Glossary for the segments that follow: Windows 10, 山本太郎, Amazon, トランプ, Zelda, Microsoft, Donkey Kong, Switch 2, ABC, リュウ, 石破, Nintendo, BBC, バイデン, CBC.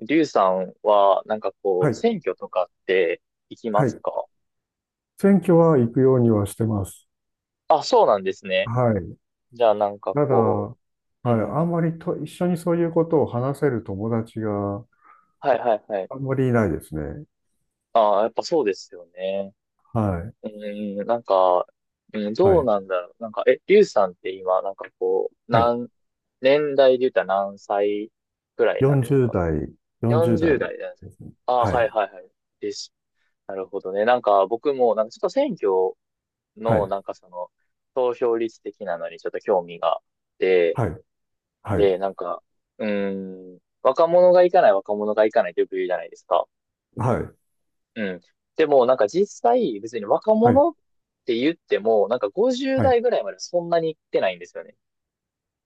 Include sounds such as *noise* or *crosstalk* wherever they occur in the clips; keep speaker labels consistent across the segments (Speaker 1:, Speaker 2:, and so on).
Speaker 1: リュウさんは、
Speaker 2: はい、
Speaker 1: 選挙とかって行きま
Speaker 2: は
Speaker 1: す
Speaker 2: い。
Speaker 1: か？
Speaker 2: 選挙は行くようにはしてます。
Speaker 1: あ、そうなんですね。
Speaker 2: はい。
Speaker 1: じゃあ
Speaker 2: ただ、は
Speaker 1: う、うん
Speaker 2: い、
Speaker 1: うんう
Speaker 2: あ
Speaker 1: ん、
Speaker 2: んまりと一緒にそういうことを話せる友達が
Speaker 1: はいはいはい。
Speaker 2: あんまりいないですね。
Speaker 1: ああ、やっぱそうですよね。
Speaker 2: はい、
Speaker 1: うん、なんか、うん、
Speaker 2: は
Speaker 1: どう
Speaker 2: い、
Speaker 1: なんだろう。リュウさんって今、
Speaker 2: はい。
Speaker 1: 年代で言ったら何歳くらいなんです
Speaker 2: 40
Speaker 1: か？
Speaker 2: 代、40代。
Speaker 1: 40 代んです、ああ、
Speaker 2: は
Speaker 1: はい
Speaker 2: い、
Speaker 1: はいはい。です。なるほどね。僕も、ちょっと選挙
Speaker 2: は
Speaker 1: の、
Speaker 2: い、
Speaker 1: 投票率的なのにちょっと興味があって、
Speaker 2: はい、はい、
Speaker 1: で、なんか、うーん、若者が行かない若者が行かないってよく言うじゃないですか。
Speaker 2: はい、
Speaker 1: うん。でも、実際、別に若
Speaker 2: はい、
Speaker 1: 者って言っても、50
Speaker 2: はい。
Speaker 1: 代ぐらいまでそんなに行ってないんですよね。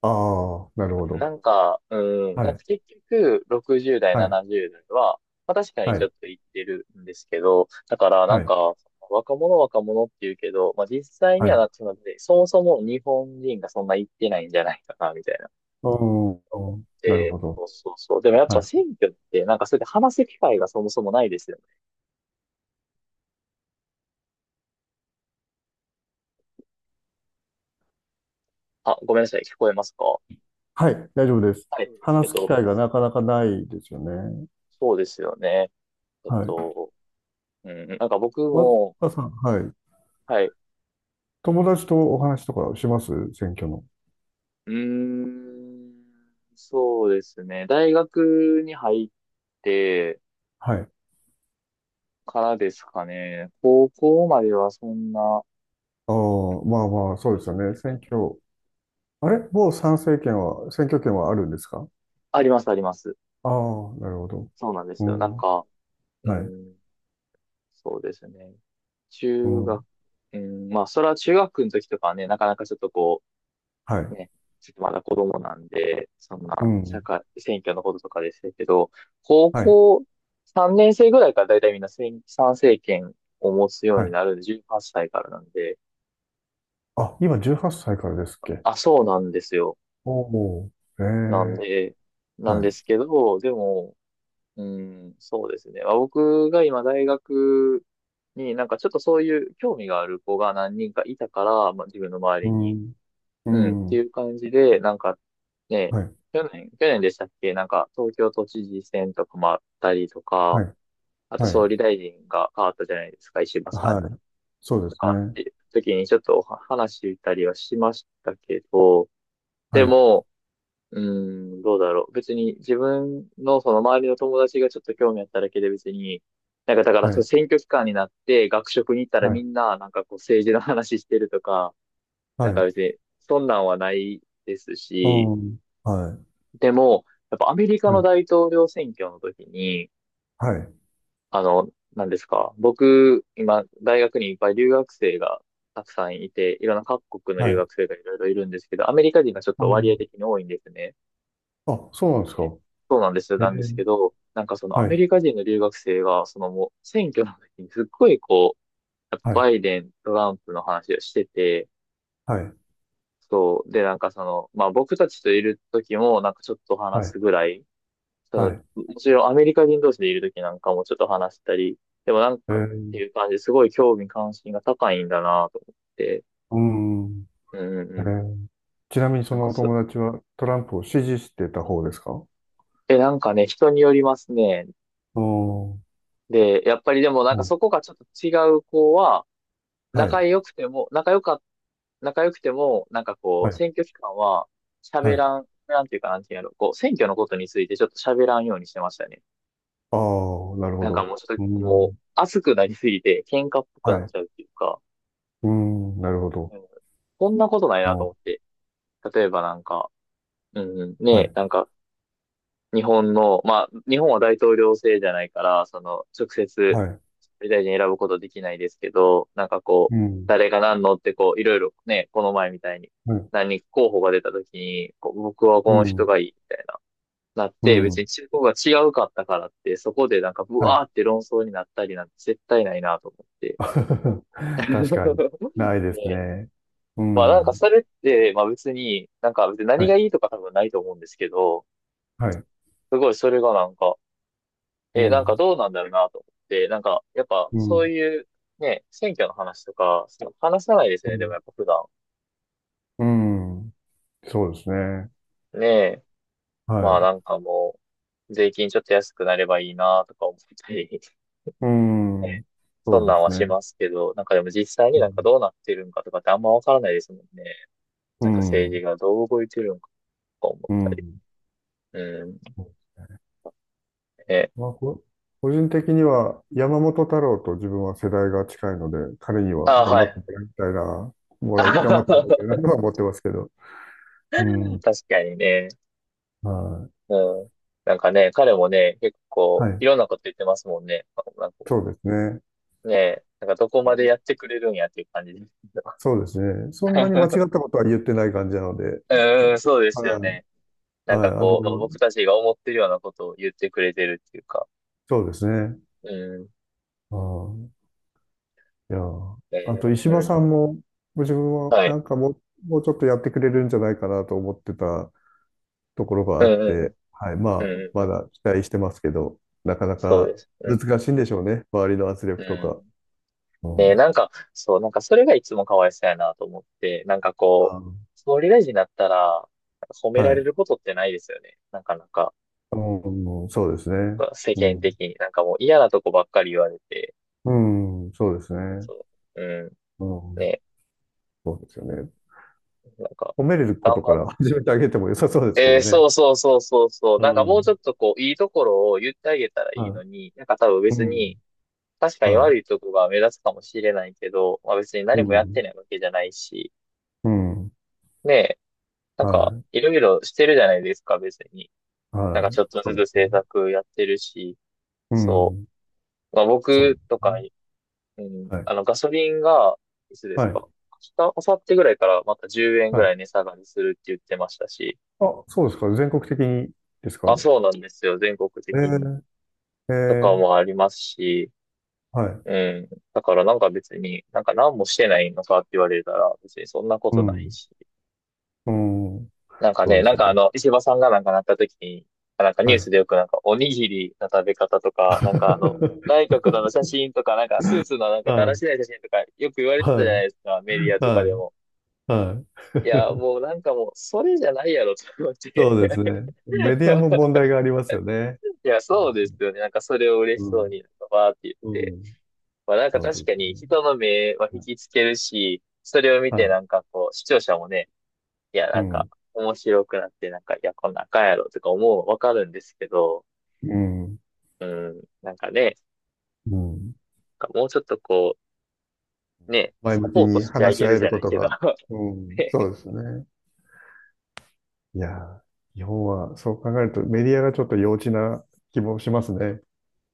Speaker 2: ああ、なるほど。はい、
Speaker 1: 結局、60代、
Speaker 2: はい、
Speaker 1: 70代は、まあ確かに
Speaker 2: は
Speaker 1: ちょっ
Speaker 2: い、
Speaker 1: と言ってるんですけど、だからな
Speaker 2: は
Speaker 1: ん
Speaker 2: い、
Speaker 1: か、若者若者って言うけど、まあ実際
Speaker 2: は
Speaker 1: に
Speaker 2: い。
Speaker 1: はなっ
Speaker 2: う
Speaker 1: てしまって、そもそも日本人がそんな言ってないんじゃないかな、みたいな。
Speaker 2: ん、うんなるほ
Speaker 1: そ
Speaker 2: ど。
Speaker 1: うそうそう。でもやっ
Speaker 2: は
Speaker 1: ぱ
Speaker 2: い、
Speaker 1: 選挙って、それで話す機会がそもそもないですよね。あ、ごめんなさい、聞こえますか？
Speaker 2: はい、大丈夫です。
Speaker 1: はい。えっ
Speaker 2: 話す機
Speaker 1: と、
Speaker 2: 会がなかなかないですよね。
Speaker 1: そうですよね。えっ
Speaker 2: はい。
Speaker 1: と、僕
Speaker 2: わ、
Speaker 1: も、
Speaker 2: わさん、はい。
Speaker 1: はい。
Speaker 2: 友達とお話とかします選挙の。
Speaker 1: うーん、そうですね。大学に入って
Speaker 2: はい。
Speaker 1: からですかね。高校まではそんな、
Speaker 2: ああ、まあまあ、そうですよね。選挙。あれもう参政権は、選挙権はあるんですか？
Speaker 1: あります、あります。
Speaker 2: ああ、なるほど。
Speaker 1: そうなんで
Speaker 2: う
Speaker 1: すよ。
Speaker 2: ん。
Speaker 1: う
Speaker 2: はい。
Speaker 1: ん、そうですね。
Speaker 2: う
Speaker 1: 中学、
Speaker 2: ん。
Speaker 1: うん、まあ、それは中学の時とかはね、なかなかちょっとこ
Speaker 2: はい。
Speaker 1: ね、ちょっとまだ子供なんで、そん
Speaker 2: う
Speaker 1: な、社
Speaker 2: ん。
Speaker 1: 会、選挙のこととかでしたけど、高
Speaker 2: はい。
Speaker 1: 校3年生ぐらいからだいたいみんな選参政権を持つよう
Speaker 2: は
Speaker 1: に
Speaker 2: い。
Speaker 1: なるんで、18歳からなんで、
Speaker 2: あ、今18歳からですっけ？
Speaker 1: あ、そうなんですよ。
Speaker 2: おおー。え
Speaker 1: なん
Speaker 2: え。
Speaker 1: で、なん
Speaker 2: は
Speaker 1: で
Speaker 2: い。
Speaker 1: すけど、でも、うん、そうですね。まあ、僕が今大学にちょっとそういう興味がある子が何人かいたから、まあ、自分の周
Speaker 2: う
Speaker 1: りに。
Speaker 2: ん。う
Speaker 1: うん、ってい
Speaker 2: ん。
Speaker 1: う感じで、ね、
Speaker 2: はい。
Speaker 1: 去年でしたっけ、東京都知事選とかもあったりと
Speaker 2: は
Speaker 1: か、
Speaker 2: い。
Speaker 1: あと
Speaker 2: は
Speaker 1: 総
Speaker 2: い。
Speaker 1: 理大臣が変わったじゃないですか、石破さ
Speaker 2: は
Speaker 1: ん
Speaker 2: い。そう
Speaker 1: と
Speaker 2: です
Speaker 1: かっ
Speaker 2: ね。
Speaker 1: ていう時にちょっとお話したりはしましたけど、
Speaker 2: は
Speaker 1: で
Speaker 2: い。
Speaker 1: も、うどうだろう。別に自分のその周りの友達がちょっと興味あっただけで別に、なんかだか
Speaker 2: は
Speaker 1: らそう
Speaker 2: い。
Speaker 1: 選挙期間になって学食に行ったら
Speaker 2: は
Speaker 1: み
Speaker 2: い。
Speaker 1: んななんかこう政治の話してるとか、な
Speaker 2: は
Speaker 1: んか
Speaker 2: い。
Speaker 1: 別にそんなんはないですし、
Speaker 2: うん。はい。
Speaker 1: でも、やっぱアメリカ
Speaker 2: は
Speaker 1: の
Speaker 2: い。
Speaker 1: 大統領選挙の時に、
Speaker 2: はい。
Speaker 1: あの、何ですか、僕、今、大学にいっぱい留学生がたくさんいて、いろんな各国の
Speaker 2: は
Speaker 1: 留
Speaker 2: い。
Speaker 1: 学生がいろいろいるんですけど、アメリカ人がちょっ
Speaker 2: う
Speaker 1: と割合
Speaker 2: ん。
Speaker 1: 的に多いんですね。
Speaker 2: あ、そうなんですか。
Speaker 1: そうなんですよ、
Speaker 2: ええ、
Speaker 1: なんですけど、そのア
Speaker 2: は
Speaker 1: メ
Speaker 2: い、
Speaker 1: リカ人の留学生が、そのもう選挙の時にすっごいこう、やっ
Speaker 2: は
Speaker 1: ぱ
Speaker 2: い、
Speaker 1: バイデン、トランプの話をしてて、
Speaker 2: はい、
Speaker 1: そう、でなんかその、まあ僕たちといる時もなんかちょっと話
Speaker 2: はい、
Speaker 1: すぐらい、そ
Speaker 2: は
Speaker 1: の、
Speaker 2: い。
Speaker 1: もちろんアメリカ人同士でいるときなんかもちょっと話したり、でもなん
Speaker 2: え
Speaker 1: かっ
Speaker 2: え、
Speaker 1: ていう感じですごい興味関心が高いんだなと思って、
Speaker 2: うん。
Speaker 1: うんうんう
Speaker 2: ええ、
Speaker 1: ん。
Speaker 2: ちなみにそ
Speaker 1: なん
Speaker 2: の
Speaker 1: か
Speaker 2: お
Speaker 1: そ、
Speaker 2: 友達はトランプを支持してた方ですか？
Speaker 1: え、なんかね、人によりますね。
Speaker 2: おー、
Speaker 1: で、やっぱりでも
Speaker 2: はい、
Speaker 1: そこがちょっと違う子は、
Speaker 2: は
Speaker 1: 仲
Speaker 2: い、
Speaker 1: 良くても、仲良か、仲良くても、なんかこ
Speaker 2: は
Speaker 1: う、
Speaker 2: い、
Speaker 1: 選挙期間は
Speaker 2: は
Speaker 1: 喋
Speaker 2: い。
Speaker 1: らん、喋らんっていうかなんていうやろ、こう、選挙のことについてちょっと喋らんようにしてましたね。
Speaker 2: ああ、なるほど。
Speaker 1: もうちょっ
Speaker 2: う
Speaker 1: と、もう、
Speaker 2: ん、
Speaker 1: 熱くなりすぎて、喧嘩っぽく
Speaker 2: は
Speaker 1: なっ
Speaker 2: い、
Speaker 1: ちゃうっていうか、
Speaker 2: うん、なるほど。
Speaker 1: うんこんなことないなと
Speaker 2: お
Speaker 1: 思っ
Speaker 2: ー、
Speaker 1: て。例えばなんか、うん、
Speaker 2: は
Speaker 1: ね、
Speaker 2: い、
Speaker 1: なんか、日本の、まあ、日本は大統領制じゃないから、その、直接、
Speaker 2: はい、
Speaker 1: 総理大臣選ぶことできないですけど、なんかこ
Speaker 2: う
Speaker 1: う、
Speaker 2: ん、
Speaker 1: 誰が何のってこう、いろいろね、この前みたいに、
Speaker 2: はい、
Speaker 1: 何人か候補が出た時に、こう僕はこ
Speaker 2: う
Speaker 1: の人
Speaker 2: ん、
Speaker 1: がいいみたいな、なっ
Speaker 2: う
Speaker 1: て、別に
Speaker 2: ん、
Speaker 1: 中国が違うかったからって、そこでなんか、ブ
Speaker 2: は
Speaker 1: ワ
Speaker 2: い。
Speaker 1: ーって論争になったりなんて絶対ないなと思って。
Speaker 2: *laughs* 確かに、
Speaker 1: *laughs*
Speaker 2: ないです
Speaker 1: ね、
Speaker 2: ね。うん、
Speaker 1: それって、まあ別に、なんか別に何
Speaker 2: は
Speaker 1: が
Speaker 2: い、
Speaker 1: いいとか多分ないと思うんですけど、
Speaker 2: はい、
Speaker 1: すごいそれがなんか、
Speaker 2: うん、
Speaker 1: どうなんだろうなと思って、なんかやっぱ
Speaker 2: う
Speaker 1: そう
Speaker 2: ん、
Speaker 1: いうね、選挙の話とか、話さないです
Speaker 2: う
Speaker 1: ね、でも
Speaker 2: ん、
Speaker 1: やっぱ普段。
Speaker 2: うん、そうですね。
Speaker 1: ねえ、
Speaker 2: はい。
Speaker 1: もう、税金ちょっと安くなればいいなとか思ったり、
Speaker 2: う
Speaker 1: *laughs* ね、
Speaker 2: ん。
Speaker 1: そ
Speaker 2: そ
Speaker 1: んな
Speaker 2: うで
Speaker 1: んは
Speaker 2: す
Speaker 1: し
Speaker 2: ね。
Speaker 1: ますけど、なんかでも実際に
Speaker 2: う
Speaker 1: なん
Speaker 2: ん。
Speaker 1: かどうなってるんかとかってあんまわからないですもんね。
Speaker 2: う
Speaker 1: なんか政治
Speaker 2: ん。
Speaker 1: がどう動いてるんかとか思
Speaker 2: う
Speaker 1: ったり。
Speaker 2: ん。
Speaker 1: うん。ね。
Speaker 2: まあ、個人的には山本太郎と自分は世代が近いので、彼には
Speaker 1: あ、
Speaker 2: 頑
Speaker 1: は
Speaker 2: 張っても
Speaker 1: い。
Speaker 2: らいたいな、
Speaker 1: *laughs*
Speaker 2: も
Speaker 1: あ
Speaker 2: ら
Speaker 1: は
Speaker 2: い、頑張
Speaker 1: は
Speaker 2: ってもらいたいなと
Speaker 1: は、
Speaker 2: は思ってますけど。うん。
Speaker 1: 確かにね。
Speaker 2: はい。
Speaker 1: うん。なんかね、彼もね、結構、
Speaker 2: は
Speaker 1: い
Speaker 2: い。
Speaker 1: ろんなこと言ってますもんね。なんかこ
Speaker 2: そうですね。
Speaker 1: う、ね、なんかどこまでやってくれるんやっていう感じですけど。
Speaker 2: そうですね。そんなに間違ったことは言ってない感じなので、
Speaker 1: *laughs*
Speaker 2: あ
Speaker 1: うん、そうですよ
Speaker 2: はい。
Speaker 1: ね。なん
Speaker 2: はい。
Speaker 1: か
Speaker 2: あの、
Speaker 1: こう、まあ、僕たちが思ってるようなことを言ってくれてるっていうか。
Speaker 2: そうですね。
Speaker 1: うん。
Speaker 2: ああ、いやー、
Speaker 1: え
Speaker 2: あと石
Speaker 1: ー
Speaker 2: 破
Speaker 1: う
Speaker 2: さ
Speaker 1: ん。
Speaker 2: んも、ご自分は
Speaker 1: は
Speaker 2: な
Speaker 1: い。
Speaker 2: んかもう、もうちょっとやってくれるんじゃないかなと思ってたところが
Speaker 1: う
Speaker 2: あって、
Speaker 1: ん、
Speaker 2: はい、
Speaker 1: うん、うん、う
Speaker 2: まあ、
Speaker 1: ん。うんう
Speaker 2: ま
Speaker 1: ん
Speaker 2: だ期待してますけど、なかな
Speaker 1: そう
Speaker 2: か
Speaker 1: です。う
Speaker 2: 難
Speaker 1: ん。
Speaker 2: しいんでしょうね、周りの圧
Speaker 1: う
Speaker 2: 力とか。
Speaker 1: ん。
Speaker 2: う
Speaker 1: ね、
Speaker 2: ん、
Speaker 1: そう、なんかそれがいつもかわいそうやなと思って、なんか
Speaker 2: あ、
Speaker 1: こう、総理大臣になったら、なんか褒め
Speaker 2: は
Speaker 1: られ
Speaker 2: い、
Speaker 1: ることってないですよね。なかなか、
Speaker 2: うん、そうですね。
Speaker 1: 世
Speaker 2: う
Speaker 1: 間
Speaker 2: ん、
Speaker 1: 的に、なんかもう嫌なとこばっかり言われて、
Speaker 2: うん、そうですね。
Speaker 1: そう、う
Speaker 2: う
Speaker 1: ん、
Speaker 2: ん、
Speaker 1: ね、
Speaker 2: そうですよね。
Speaker 1: なんか、
Speaker 2: 褒めれるこ
Speaker 1: 頑
Speaker 2: とか
Speaker 1: 張っ
Speaker 2: ら始めてあげても良さそうですけ
Speaker 1: て、
Speaker 2: どね。
Speaker 1: そうそうそうそうそう、
Speaker 2: う
Speaker 1: なんかもうちょ
Speaker 2: ん、
Speaker 1: っとこう、いいところを言ってあげたらいいの
Speaker 2: は
Speaker 1: に、なんか多分
Speaker 2: い、う
Speaker 1: 別
Speaker 2: ん、
Speaker 1: に、確かに
Speaker 2: は
Speaker 1: 悪いとこが目立つかもしれないけど、まあ別に
Speaker 2: い、う
Speaker 1: 何もやって
Speaker 2: ん、
Speaker 1: ないわけじゃないし、
Speaker 2: うん、
Speaker 1: ね、なん
Speaker 2: は
Speaker 1: か、
Speaker 2: い。
Speaker 1: いろいろしてるじゃないですか、別に。なんか
Speaker 2: は
Speaker 1: ち
Speaker 2: い。
Speaker 1: ょっと
Speaker 2: そ
Speaker 1: ず
Speaker 2: うで
Speaker 1: つ
Speaker 2: す
Speaker 1: 制
Speaker 2: ね。
Speaker 1: 作やってるし、
Speaker 2: う
Speaker 1: そ
Speaker 2: ん。
Speaker 1: う。まあ
Speaker 2: そうで
Speaker 1: 僕と
Speaker 2: す
Speaker 1: か、
Speaker 2: ね。
Speaker 1: うん、
Speaker 2: は
Speaker 1: あ
Speaker 2: い。
Speaker 1: のガソリンが、いつです
Speaker 2: は
Speaker 1: か、
Speaker 2: い。
Speaker 1: 明日、明後日ぐらいからまた10円
Speaker 2: は
Speaker 1: ぐ
Speaker 2: い。
Speaker 1: らい値下がりするって言ってましたし、
Speaker 2: あ、そうですか。全国的にです
Speaker 1: あ、
Speaker 2: か？
Speaker 1: そうなんですよ。全国
Speaker 2: え
Speaker 1: 的に。
Speaker 2: ー、え
Speaker 1: とか
Speaker 2: ー、
Speaker 1: もありますし、
Speaker 2: はい。
Speaker 1: うん。だからなんか別に、なんか何もしてないのかって言われたら、別にそんなこ
Speaker 2: う
Speaker 1: とない
Speaker 2: ん。
Speaker 1: し。
Speaker 2: うん。
Speaker 1: なんか
Speaker 2: そ
Speaker 1: ね、
Speaker 2: うで
Speaker 1: な
Speaker 2: す
Speaker 1: ん
Speaker 2: よ
Speaker 1: かあ
Speaker 2: ね。
Speaker 1: の、石破さんがなんかなった時に、なんかニュ
Speaker 2: は
Speaker 1: ース
Speaker 2: い。
Speaker 1: でよくなんかおにぎりの食べ方とか、なんかあの、内閣のあの写
Speaker 2: *laughs*
Speaker 1: 真とか、なんかスーツのなんかだ
Speaker 2: は
Speaker 1: ら
Speaker 2: い。
Speaker 1: しない写真とか、よく言われてたじゃ
Speaker 2: は
Speaker 1: ない
Speaker 2: い。
Speaker 1: ですか、メディアとか
Speaker 2: は
Speaker 1: で
Speaker 2: い。
Speaker 1: も。
Speaker 2: はい。
Speaker 1: い
Speaker 2: *laughs*
Speaker 1: や、もうなんかもう、それじゃないやろ、と思っ
Speaker 2: そ
Speaker 1: て。
Speaker 2: うですね。メディアも問
Speaker 1: *laughs*
Speaker 2: 題がありますよね。
Speaker 1: いや、そうですよね。なんかそれを嬉
Speaker 2: う
Speaker 1: しそう
Speaker 2: ん。
Speaker 1: に、なんかバーって言っ
Speaker 2: うん。
Speaker 1: て。
Speaker 2: うん。
Speaker 1: まあ
Speaker 2: 本当
Speaker 1: 確
Speaker 2: です
Speaker 1: かに
Speaker 2: ね。
Speaker 1: 人の目は引
Speaker 2: は
Speaker 1: きつけるし、それを見
Speaker 2: い。
Speaker 1: て、
Speaker 2: は
Speaker 1: 視聴者もね、いや、
Speaker 2: い。う
Speaker 1: なんか、
Speaker 2: ん。
Speaker 1: 面白くなって、いや、こんなんあかんやろとか思うわかるんですけど、うん、なんかね、
Speaker 2: うん。うん。
Speaker 1: なんかもうちょっとこう、ね、
Speaker 2: 前
Speaker 1: サ
Speaker 2: 向き
Speaker 1: ポート
Speaker 2: に
Speaker 1: してあ
Speaker 2: 話し
Speaker 1: げ
Speaker 2: 合
Speaker 1: る
Speaker 2: え
Speaker 1: じ
Speaker 2: る
Speaker 1: ゃ
Speaker 2: こ
Speaker 1: ない
Speaker 2: と
Speaker 1: け
Speaker 2: が、
Speaker 1: ど、*laughs*
Speaker 2: うん、
Speaker 1: ね、
Speaker 2: そうですね。いやー、日本はそう考えるとメディアがちょっと幼稚な気もしますね。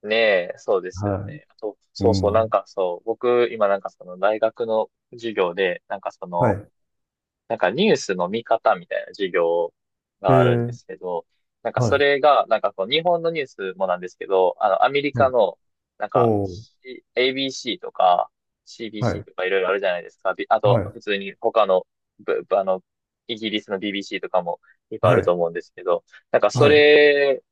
Speaker 1: ねえ、そうですよ
Speaker 2: は
Speaker 1: ね。あと、
Speaker 2: い。う
Speaker 1: そうそう、
Speaker 2: ん。
Speaker 1: 僕、今大学の授業で、
Speaker 2: はい。
Speaker 1: なんかニュースの見方みたいな授業
Speaker 2: え
Speaker 1: があるんで
Speaker 2: ー、
Speaker 1: すけど、なんかそ
Speaker 2: はい。
Speaker 1: れが、日本のニュースもなんですけど、あのアメリ
Speaker 2: は
Speaker 1: カ
Speaker 2: い。
Speaker 1: の、なんか
Speaker 2: おー、
Speaker 1: ABC とか
Speaker 2: は
Speaker 1: CBC
Speaker 2: い。
Speaker 1: とかいろいろあるじゃないですか。びあ
Speaker 2: は
Speaker 1: と
Speaker 2: い。
Speaker 1: 普通に他の、ぶぶあの、イギリスの BBC とかもいっぱいあ
Speaker 2: は
Speaker 1: ると
Speaker 2: い。
Speaker 1: 思うんですけど、なんかそ
Speaker 2: はい。
Speaker 1: れ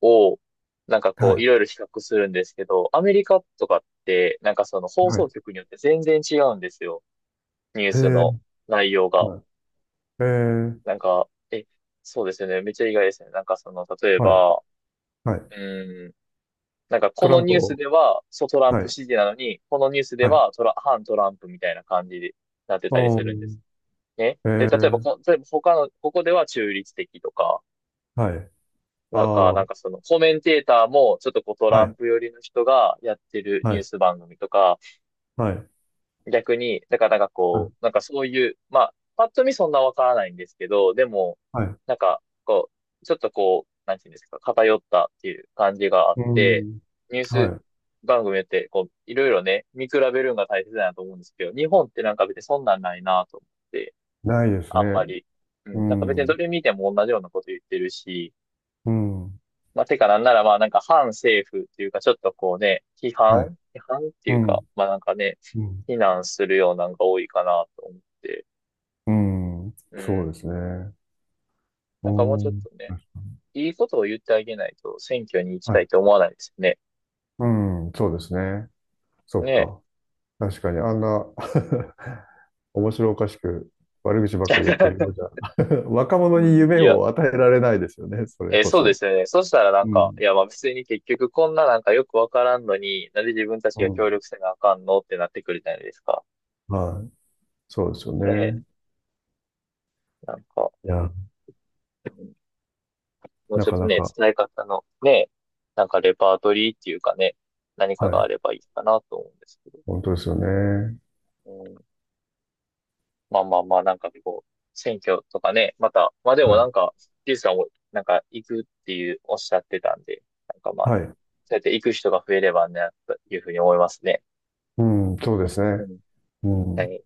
Speaker 1: を、なんかこ
Speaker 2: は
Speaker 1: う
Speaker 2: い。
Speaker 1: いろいろ比較するんですけど、アメリカとかって、なんかその放
Speaker 2: は
Speaker 1: 送
Speaker 2: い。
Speaker 1: 局によって全然違うんですよ。ニュー
Speaker 2: え
Speaker 1: スの
Speaker 2: ー、
Speaker 1: 内容が。
Speaker 2: はい。えー、
Speaker 1: なんか、え、そうですよね。めっちゃ意外ですね。なんかその、例え
Speaker 2: はい。
Speaker 1: ば、う
Speaker 2: はい。
Speaker 1: ーん、なんか
Speaker 2: ト
Speaker 1: こ
Speaker 2: ラ
Speaker 1: の
Speaker 2: ン
Speaker 1: ニ
Speaker 2: プ
Speaker 1: ュース
Speaker 2: を、
Speaker 1: では、そうトラン
Speaker 2: は
Speaker 1: プ
Speaker 2: い。
Speaker 1: 支持なのに、このニュースで
Speaker 2: はい。
Speaker 1: は反トランプみたいな感じになってたり
Speaker 2: お
Speaker 1: するんで
Speaker 2: ー、
Speaker 1: す。ね。
Speaker 2: え
Speaker 1: で、
Speaker 2: ー、
Speaker 1: 例えば他の、ここでは中立的とか、
Speaker 2: はい。ああ。
Speaker 1: なん
Speaker 2: は
Speaker 1: かその、コメンテーターも、ちょっとこうトラン
Speaker 2: い。
Speaker 1: プ寄りの人がやってる
Speaker 2: は
Speaker 1: ニュー
Speaker 2: い。
Speaker 1: ス番組とか、
Speaker 2: はい。
Speaker 1: 逆に、だから
Speaker 2: はい。
Speaker 1: なんかそういう、まあ、パッと見そんなわからないんですけど、でも、
Speaker 2: はい。
Speaker 1: なんか、こちょっとこう、なんていうんですか、偏ったっていう感じがあっ
Speaker 2: う
Speaker 1: て、
Speaker 2: ん。
Speaker 1: ニュー
Speaker 2: は
Speaker 1: ス
Speaker 2: い。
Speaker 1: 番組って、こう、いろいろね、見比べるのが大切だなと思うんですけど、日本ってなんか別にそんなんないなと思って、
Speaker 2: ないです
Speaker 1: あんま
Speaker 2: ね。
Speaker 1: り、う
Speaker 2: う
Speaker 1: ん、なんか別にど
Speaker 2: ん、
Speaker 1: れ見ても同じようなこと言ってるし、
Speaker 2: うん、
Speaker 1: まあ、てかなんならまあなんか反政府っていうかちょっとこうね、批
Speaker 2: はい。
Speaker 1: 判批判って
Speaker 2: う
Speaker 1: いうか、
Speaker 2: ん、
Speaker 1: まあなんかね、
Speaker 2: うん。
Speaker 1: 非難するようなんが多いかなと思って。
Speaker 2: うん、
Speaker 1: う
Speaker 2: そうで
Speaker 1: ん。
Speaker 2: すね。う
Speaker 1: なんかもうちょっ
Speaker 2: ん、
Speaker 1: とね、いいことを言ってあげないと選挙に行き
Speaker 2: は
Speaker 1: た
Speaker 2: い。
Speaker 1: いと思わないですよね。
Speaker 2: うん、そうですね。そ
Speaker 1: ね
Speaker 2: っ
Speaker 1: え。
Speaker 2: か。確かに、あんな *laughs* 面白おかしく悪口ばっ
Speaker 1: *laughs*
Speaker 2: かり言ってるようじゃ、*laughs* 若
Speaker 1: う
Speaker 2: 者に
Speaker 1: ん、い
Speaker 2: 夢
Speaker 1: や、
Speaker 2: を与えられないですよね、それ
Speaker 1: えー
Speaker 2: こ
Speaker 1: そうで
Speaker 2: そ。
Speaker 1: すよね。そしたらなん
Speaker 2: う
Speaker 1: か、い
Speaker 2: ん、
Speaker 1: やまあ別に結局こんななんかよくわからんのに、なんで自分たち
Speaker 2: う
Speaker 1: が協
Speaker 2: ん、
Speaker 1: 力せなあかんのってなってくるじゃないですか。
Speaker 2: はい。そうですよ
Speaker 1: ねえ。
Speaker 2: ね。
Speaker 1: なんか。
Speaker 2: いや、
Speaker 1: もう
Speaker 2: な
Speaker 1: ちょっ
Speaker 2: か
Speaker 1: と
Speaker 2: な
Speaker 1: ね、
Speaker 2: か、
Speaker 1: 伝え方のね、なんかレパートリーっていうかね、何か
Speaker 2: は
Speaker 1: があ
Speaker 2: い。
Speaker 1: ればいいかなと思うんですけど。
Speaker 2: 本当ですよね。
Speaker 1: うん、まあまあまあ、なんかこう、選挙とかね、また、まあでも
Speaker 2: は
Speaker 1: な
Speaker 2: い。
Speaker 1: んか、ジュースさんもなんか行くっていうおっしゃってたんで、なんかまあ
Speaker 2: は
Speaker 1: ね、
Speaker 2: い。
Speaker 1: そうやって行く人が増えればね、というふうに思いますね。
Speaker 2: うん、そうです
Speaker 1: う
Speaker 2: ね。
Speaker 1: ん。
Speaker 2: う
Speaker 1: は
Speaker 2: ん。
Speaker 1: い